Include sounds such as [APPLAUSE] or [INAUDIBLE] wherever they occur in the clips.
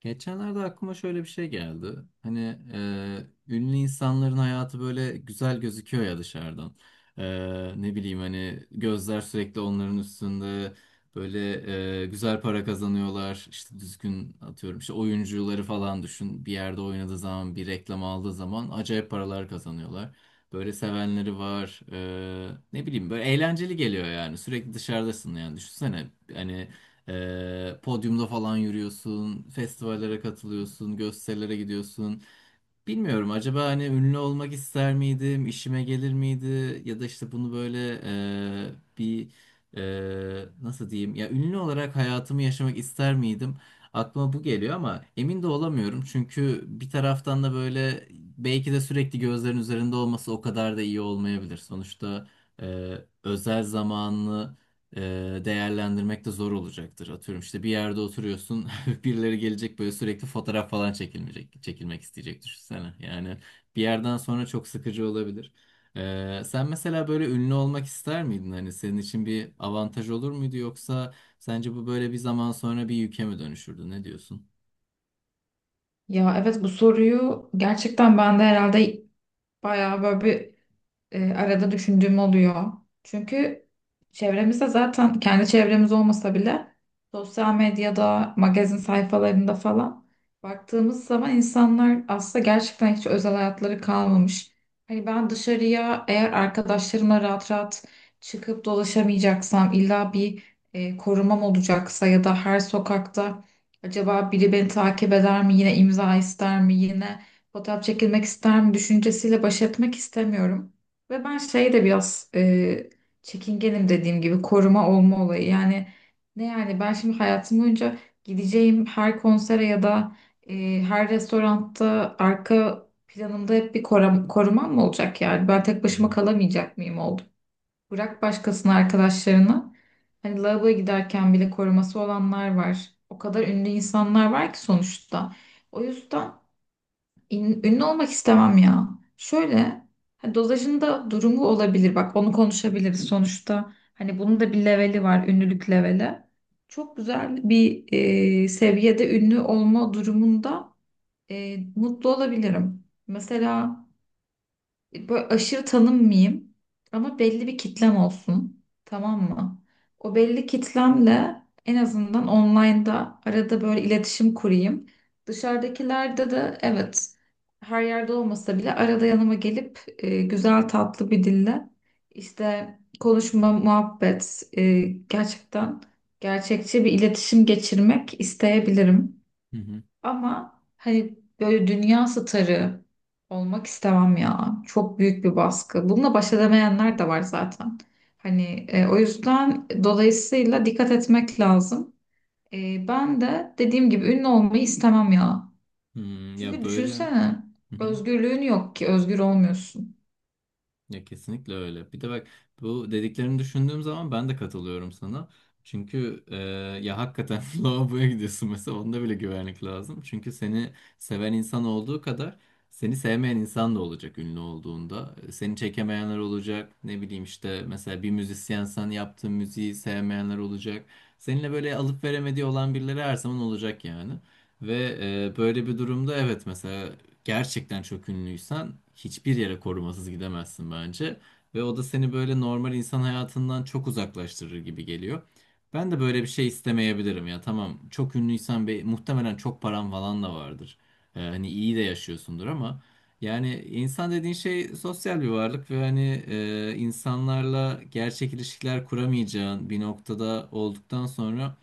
Geçenlerde aklıma şöyle bir şey geldi. Hani ünlü insanların hayatı böyle güzel gözüküyor ya dışarıdan. E, ne bileyim hani gözler sürekli onların üstünde böyle güzel para kazanıyorlar. İşte düzgün atıyorum işte oyuncuları falan düşün. Bir yerde oynadığı zaman bir reklam aldığı zaman acayip paralar kazanıyorlar. Böyle sevenleri var. Ne bileyim böyle eğlenceli geliyor yani. Sürekli dışarıdasın yani düşünsene. Hani podyumda falan yürüyorsun, festivallere katılıyorsun, gösterilere gidiyorsun. Bilmiyorum acaba hani ünlü olmak ister miydim, işime gelir miydi ya da işte bunu böyle e, bir nasıl diyeyim ya ünlü olarak hayatımı yaşamak ister miydim? Aklıma bu geliyor ama emin de olamıyorum çünkü bir taraftan da böyle belki de sürekli gözlerin üzerinde olması o kadar da iyi olmayabilir. Sonuçta e, özel zamanını e, değerlendirmek de zor olacaktır. Atıyorum işte bir yerde oturuyorsun. Birileri gelecek böyle sürekli fotoğraf falan çekilmeyecek, çekilmek isteyecek düşünsene. Yani bir yerden sonra çok sıkıcı olabilir. Sen mesela böyle ünlü olmak ister miydin? Hani senin için bir avantaj olur muydu yoksa sence bu böyle bir zaman sonra bir yüke mi dönüşürdü? Ne diyorsun? Ya evet, bu soruyu gerçekten ben de herhalde bayağı böyle bir arada düşündüğüm oluyor. Çünkü çevremizde, zaten kendi çevremiz olmasa bile sosyal medyada, magazin sayfalarında falan baktığımız zaman insanlar aslında gerçekten hiç özel hayatları kalmamış. Hani ben dışarıya eğer arkadaşlarımla rahat rahat çıkıp dolaşamayacaksam, illa bir korumam olacaksa ya da her sokakta acaba biri beni takip eder mi, yine imza ister mi, yine fotoğraf çekilmek ister mi düşüncesiyle baş etmek istemiyorum. Ve ben şey de biraz çekingenim, dediğim gibi koruma olma olayı. Yani ne, yani ben şimdi hayatım boyunca gideceğim her konsere ya da her restoranda arka planımda hep bir korumam mı olacak yani? Ben tek Hı başıma hı. kalamayacak mıyım oldu? Bırak başkasını, arkadaşlarını. Hani lavaboya giderken bile koruması olanlar var. O kadar ünlü insanlar var ki sonuçta. O yüzden ünlü olmak istemem ya. Şöyle, ha, dozajında durumu olabilir. Bak, onu konuşabiliriz sonuçta. Hani bunun da bir leveli var, ünlülük leveli. Çok güzel bir seviyede ünlü olma durumunda mutlu olabilirim. Mesela böyle aşırı tanınmayayım ama belli bir kitlem olsun. Tamam mı? O belli kitlemle en azından online'da arada böyle iletişim kurayım. Dışarıdakilerde de evet, her yerde olmasa bile arada yanıma gelip güzel tatlı bir dille işte konuşma, muhabbet, gerçekten gerçekçi bir iletişim geçirmek isteyebilirim. Hı hı. Ama hani böyle dünya starı olmak istemem ya. Çok büyük bir baskı. Bununla baş edemeyenler de var zaten. Hani o yüzden, dolayısıyla dikkat etmek lazım. Ben de dediğim gibi ünlü olmayı istemem ya. Hmm, ya Çünkü böyle. düşünsene, Hı hı. özgürlüğün yok ki, özgür olmuyorsun. Ya kesinlikle öyle. Bir de bak bu dediklerini düşündüğüm zaman ben de katılıyorum sana. Çünkü ya hakikaten [LAUGHS] lavaboya gidiyorsun mesela onda bile güvenlik lazım. Çünkü seni seven insan olduğu kadar seni sevmeyen insan da olacak ünlü olduğunda. Seni çekemeyenler olacak. Ne bileyim işte mesela bir müzisyensen yaptığın müziği sevmeyenler olacak. Seninle böyle alıp veremediği olan birileri her zaman olacak yani. Ve böyle bir durumda evet mesela gerçekten çok ünlüysen hiçbir yere korumasız gidemezsin bence. Ve o da seni böyle normal insan hayatından çok uzaklaştırır gibi geliyor. Ben de böyle bir şey istemeyebilirim ya. Tamam çok ünlüysen be, muhtemelen çok paran falan da vardır. Hani iyi de yaşıyorsundur ama yani insan dediğin şey sosyal bir varlık ve hani insanlarla gerçek ilişkiler kuramayacağın bir noktada olduktan sonra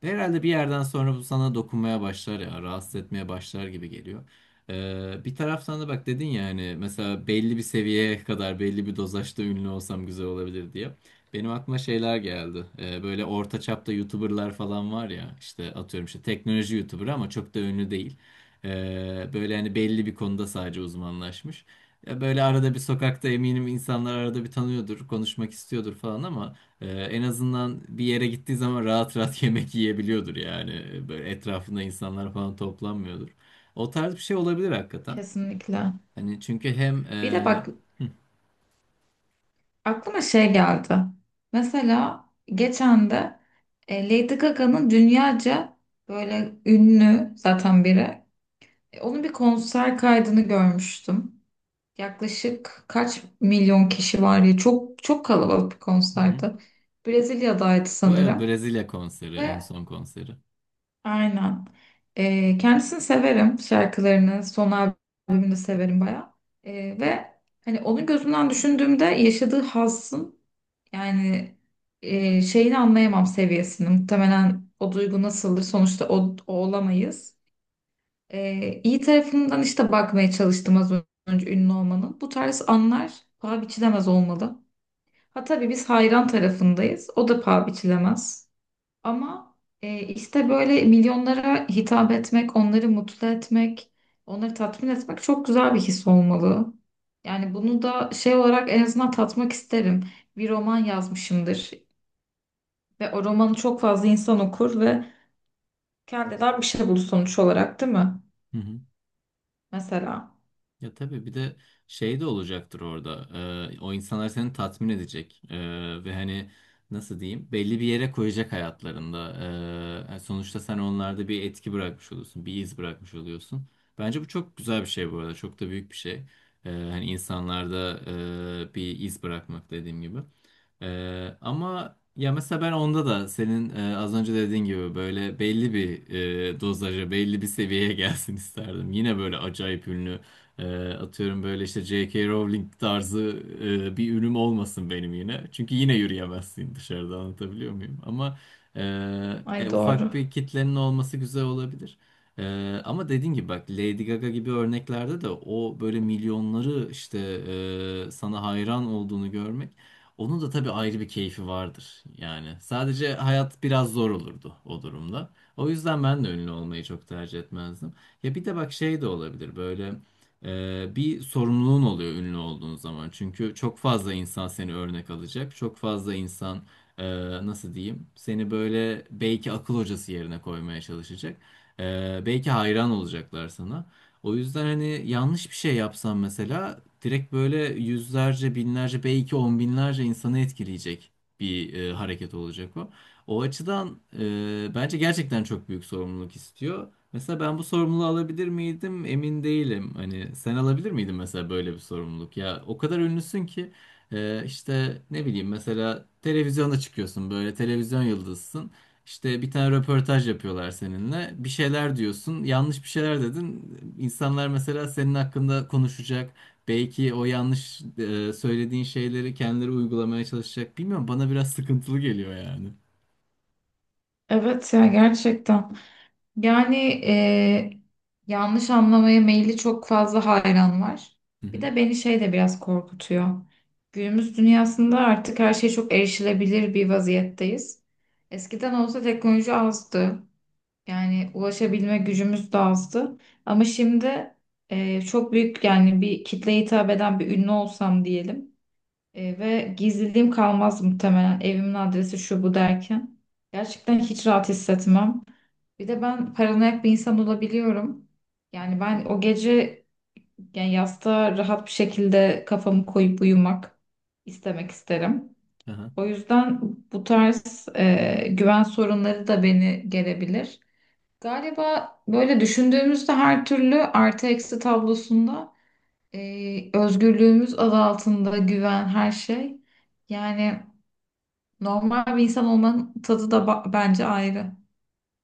herhalde bir yerden sonra bu sana dokunmaya başlar ya, rahatsız etmeye başlar gibi geliyor. Bir taraftan da bak dedin ya hani mesela belli bir seviyeye kadar belli bir dozajda ünlü olsam güzel olabilir diye. Benim aklıma şeyler geldi. Böyle orta çapta YouTuber'lar falan var ya işte atıyorum işte teknoloji YouTuber ama çok da ünlü değil. Böyle hani belli bir konuda sadece uzmanlaşmış. Ya böyle arada bir sokakta eminim insanlar arada bir tanıyordur, konuşmak istiyordur falan ama en azından bir yere gittiği zaman rahat rahat [LAUGHS] yemek yiyebiliyordur yani. Böyle etrafında insanlar falan toplanmıyordur. O tarz bir şey olabilir hakikaten. Kesinlikle. Hani çünkü hem Bir de bak, aklıma şey geldi. Mesela geçen de Lady Gaga'nın, dünyaca böyle ünlü zaten biri. E, onun bir konser kaydını görmüştüm. Yaklaşık kaç milyon kişi var ya, çok çok kalabalık bir hı hı. konserdi. Brezilya'daydı Bu evet, sanırım Brezilya konseri en ve son konseri. aynen. E, kendisini severim, şarkılarını, son albümünü de severim bayağı. E, ve hani onun gözünden düşündüğümde yaşadığı hassın, yani şeyini anlayamam, seviyesini. Muhtemelen o duygu nasıldır sonuçta, o olamayız. İyi tarafından işte bakmaya çalıştım az önce ünlü olmanın. Bu tarz anlar paha biçilemez olmalı. Ha tabii, biz hayran tarafındayız. O da paha biçilemez. Ama işte böyle milyonlara hitap etmek, onları mutlu etmek, onları tatmin etmek çok güzel bir his olmalı. Yani bunu da şey olarak en azından tatmak isterim. Bir roman yazmışımdır ve o romanı çok fazla insan okur ve kendinden bir şey bulur sonuç olarak, değil mi? Hı hı. Mesela. Ya tabii bir de şey de olacaktır orada. O insanlar seni tatmin edecek. Ve hani nasıl diyeyim? Belli bir yere koyacak hayatlarında. Yani sonuçta sen onlarda bir etki bırakmış oluyorsun. Bir iz bırakmış oluyorsun. Bence bu çok güzel bir şey bu arada. Çok da büyük bir şey. Hani insanlarda bir iz bırakmak dediğim gibi. Ama ya mesela ben onda da senin az önce dediğin gibi böyle belli bir dozaja, belli bir seviyeye [LAUGHS] gelsin isterdim. Yine böyle acayip ünlü atıyorum böyle işte J.K. Rowling tarzı bir ünüm olmasın benim yine. Çünkü yine yürüyemezsin dışarıda anlatabiliyor muyum? Ama e, Ay ya ufak doğru. bir kitlenin olması güzel olabilir. Ama dediğin gibi bak Lady Gaga gibi örneklerde de o böyle milyonları işte sana hayran olduğunu görmek onun da tabii ayrı bir keyfi vardır. Yani sadece hayat biraz zor olurdu o durumda. O yüzden ben de ünlü olmayı çok tercih etmezdim. Ya bir de bak şey de olabilir böyle bir sorumluluğun oluyor ünlü olduğun zaman. Çünkü çok fazla insan seni örnek alacak. Çok fazla insan e, nasıl diyeyim seni böyle belki akıl hocası yerine koymaya çalışacak. Belki hayran olacaklar sana. O yüzden hani yanlış bir şey yapsam mesela direkt böyle yüzlerce, binlerce, belki on binlerce insanı etkileyecek bir hareket olacak o. O açıdan bence gerçekten çok büyük sorumluluk istiyor. Mesela ben bu sorumluluğu alabilir miydim? Emin değilim. Hani sen alabilir miydin mesela böyle bir sorumluluk? Ya o kadar ünlüsün ki işte ne bileyim mesela televizyonda çıkıyorsun böyle televizyon yıldızısın. İşte bir tane röportaj yapıyorlar seninle. Bir şeyler diyorsun. Yanlış bir şeyler dedin. İnsanlar mesela senin hakkında konuşacak. Belki o yanlış söylediğin şeyleri kendileri uygulamaya çalışacak. Bilmiyorum bana biraz sıkıntılı geliyor yani. Evet ya, gerçekten. Yani e, yanlış anlamaya meyilli çok fazla hayran var. Hı Bir hı. de beni şey de biraz korkutuyor. Günümüz dünyasında artık her şey çok erişilebilir bir vaziyetteyiz. Eskiden olsa teknoloji azdı. Yani ulaşabilme gücümüz de azdı. Ama şimdi çok büyük yani bir kitleye hitap eden bir ünlü olsam diyelim, ve gizliliğim kalmaz, muhtemelen evimin adresi şu bu derken gerçekten hiç rahat hissetmem. Bir de ben paranoyak bir insan olabiliyorum. Yani ben o gece, yani yastığa rahat bir şekilde kafamı koyup uyumak isterim. Aha. O yüzden bu tarz güven sorunları da beni gelebilir. Galiba böyle düşündüğümüzde her türlü artı eksi tablosunda özgürlüğümüz adı altında güven her şey. Yani normal bir insan olmanın tadı da bence ayrı.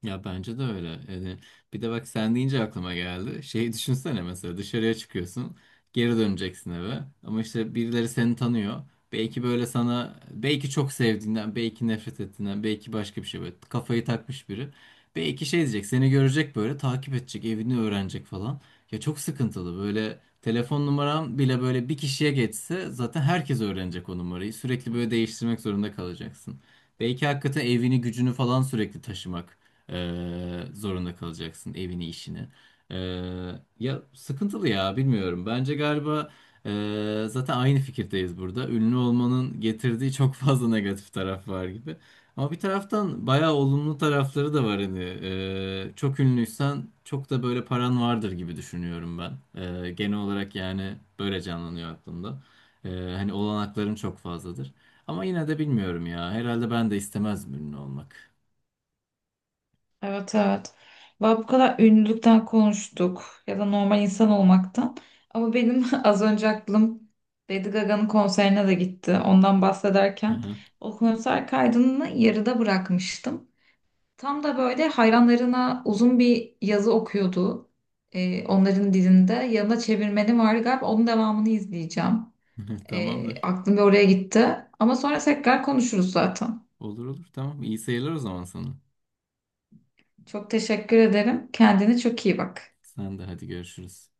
Ya bence de öyle. Yani bir de bak sen deyince aklıma geldi. Şeyi düşünsene mesela dışarıya çıkıyorsun, geri döneceksin eve. Ama işte birileri seni tanıyor. Belki böyle sana belki çok sevdiğinden, belki nefret ettiğinden, belki başka bir şey böyle kafayı takmış biri. Belki şey diyecek, seni görecek böyle takip edecek, evini öğrenecek falan. Ya çok sıkıntılı. Böyle telefon numaram bile böyle bir kişiye geçse zaten herkes öğrenecek o numarayı. Sürekli böyle değiştirmek zorunda kalacaksın. Belki hakikaten evini, gücünü falan sürekli taşımak. Zorunda kalacaksın evini işini. Ee, ya sıkıntılı ya bilmiyorum. Bence galiba zaten aynı fikirdeyiz burada. Ünlü olmanın getirdiği çok fazla negatif taraf var gibi. Ama bir taraftan bayağı olumlu tarafları da var hani. Çok ünlüysen çok da böyle paran vardır gibi düşünüyorum ben. Genel olarak yani böyle canlanıyor aklımda. Ee, hani olanakların çok fazladır. Ama yine de bilmiyorum ya. Herhalde ben de istemezdim ünlü olmak. Evet, evet. Valla bu kadar ünlülükten konuştuk ya da normal insan olmaktan. Ama benim [LAUGHS] az önce aklım Lady Gaga'nın konserine de gitti. Ondan bahsederken [LAUGHS] o konser kaydını yarıda bırakmıştım. Tam da böyle hayranlarına uzun bir yazı okuyordu. Onların dilinde. Yanına çevirmeni var galiba. Onun devamını izleyeceğim. [LAUGHS] Tamamdır. Aklım bir oraya gitti. Ama sonra tekrar konuşuruz zaten. Olur olur tamam. İyi seyirler o zaman sana. Çok teşekkür ederim. Kendine çok iyi bak. Sen de hadi görüşürüz.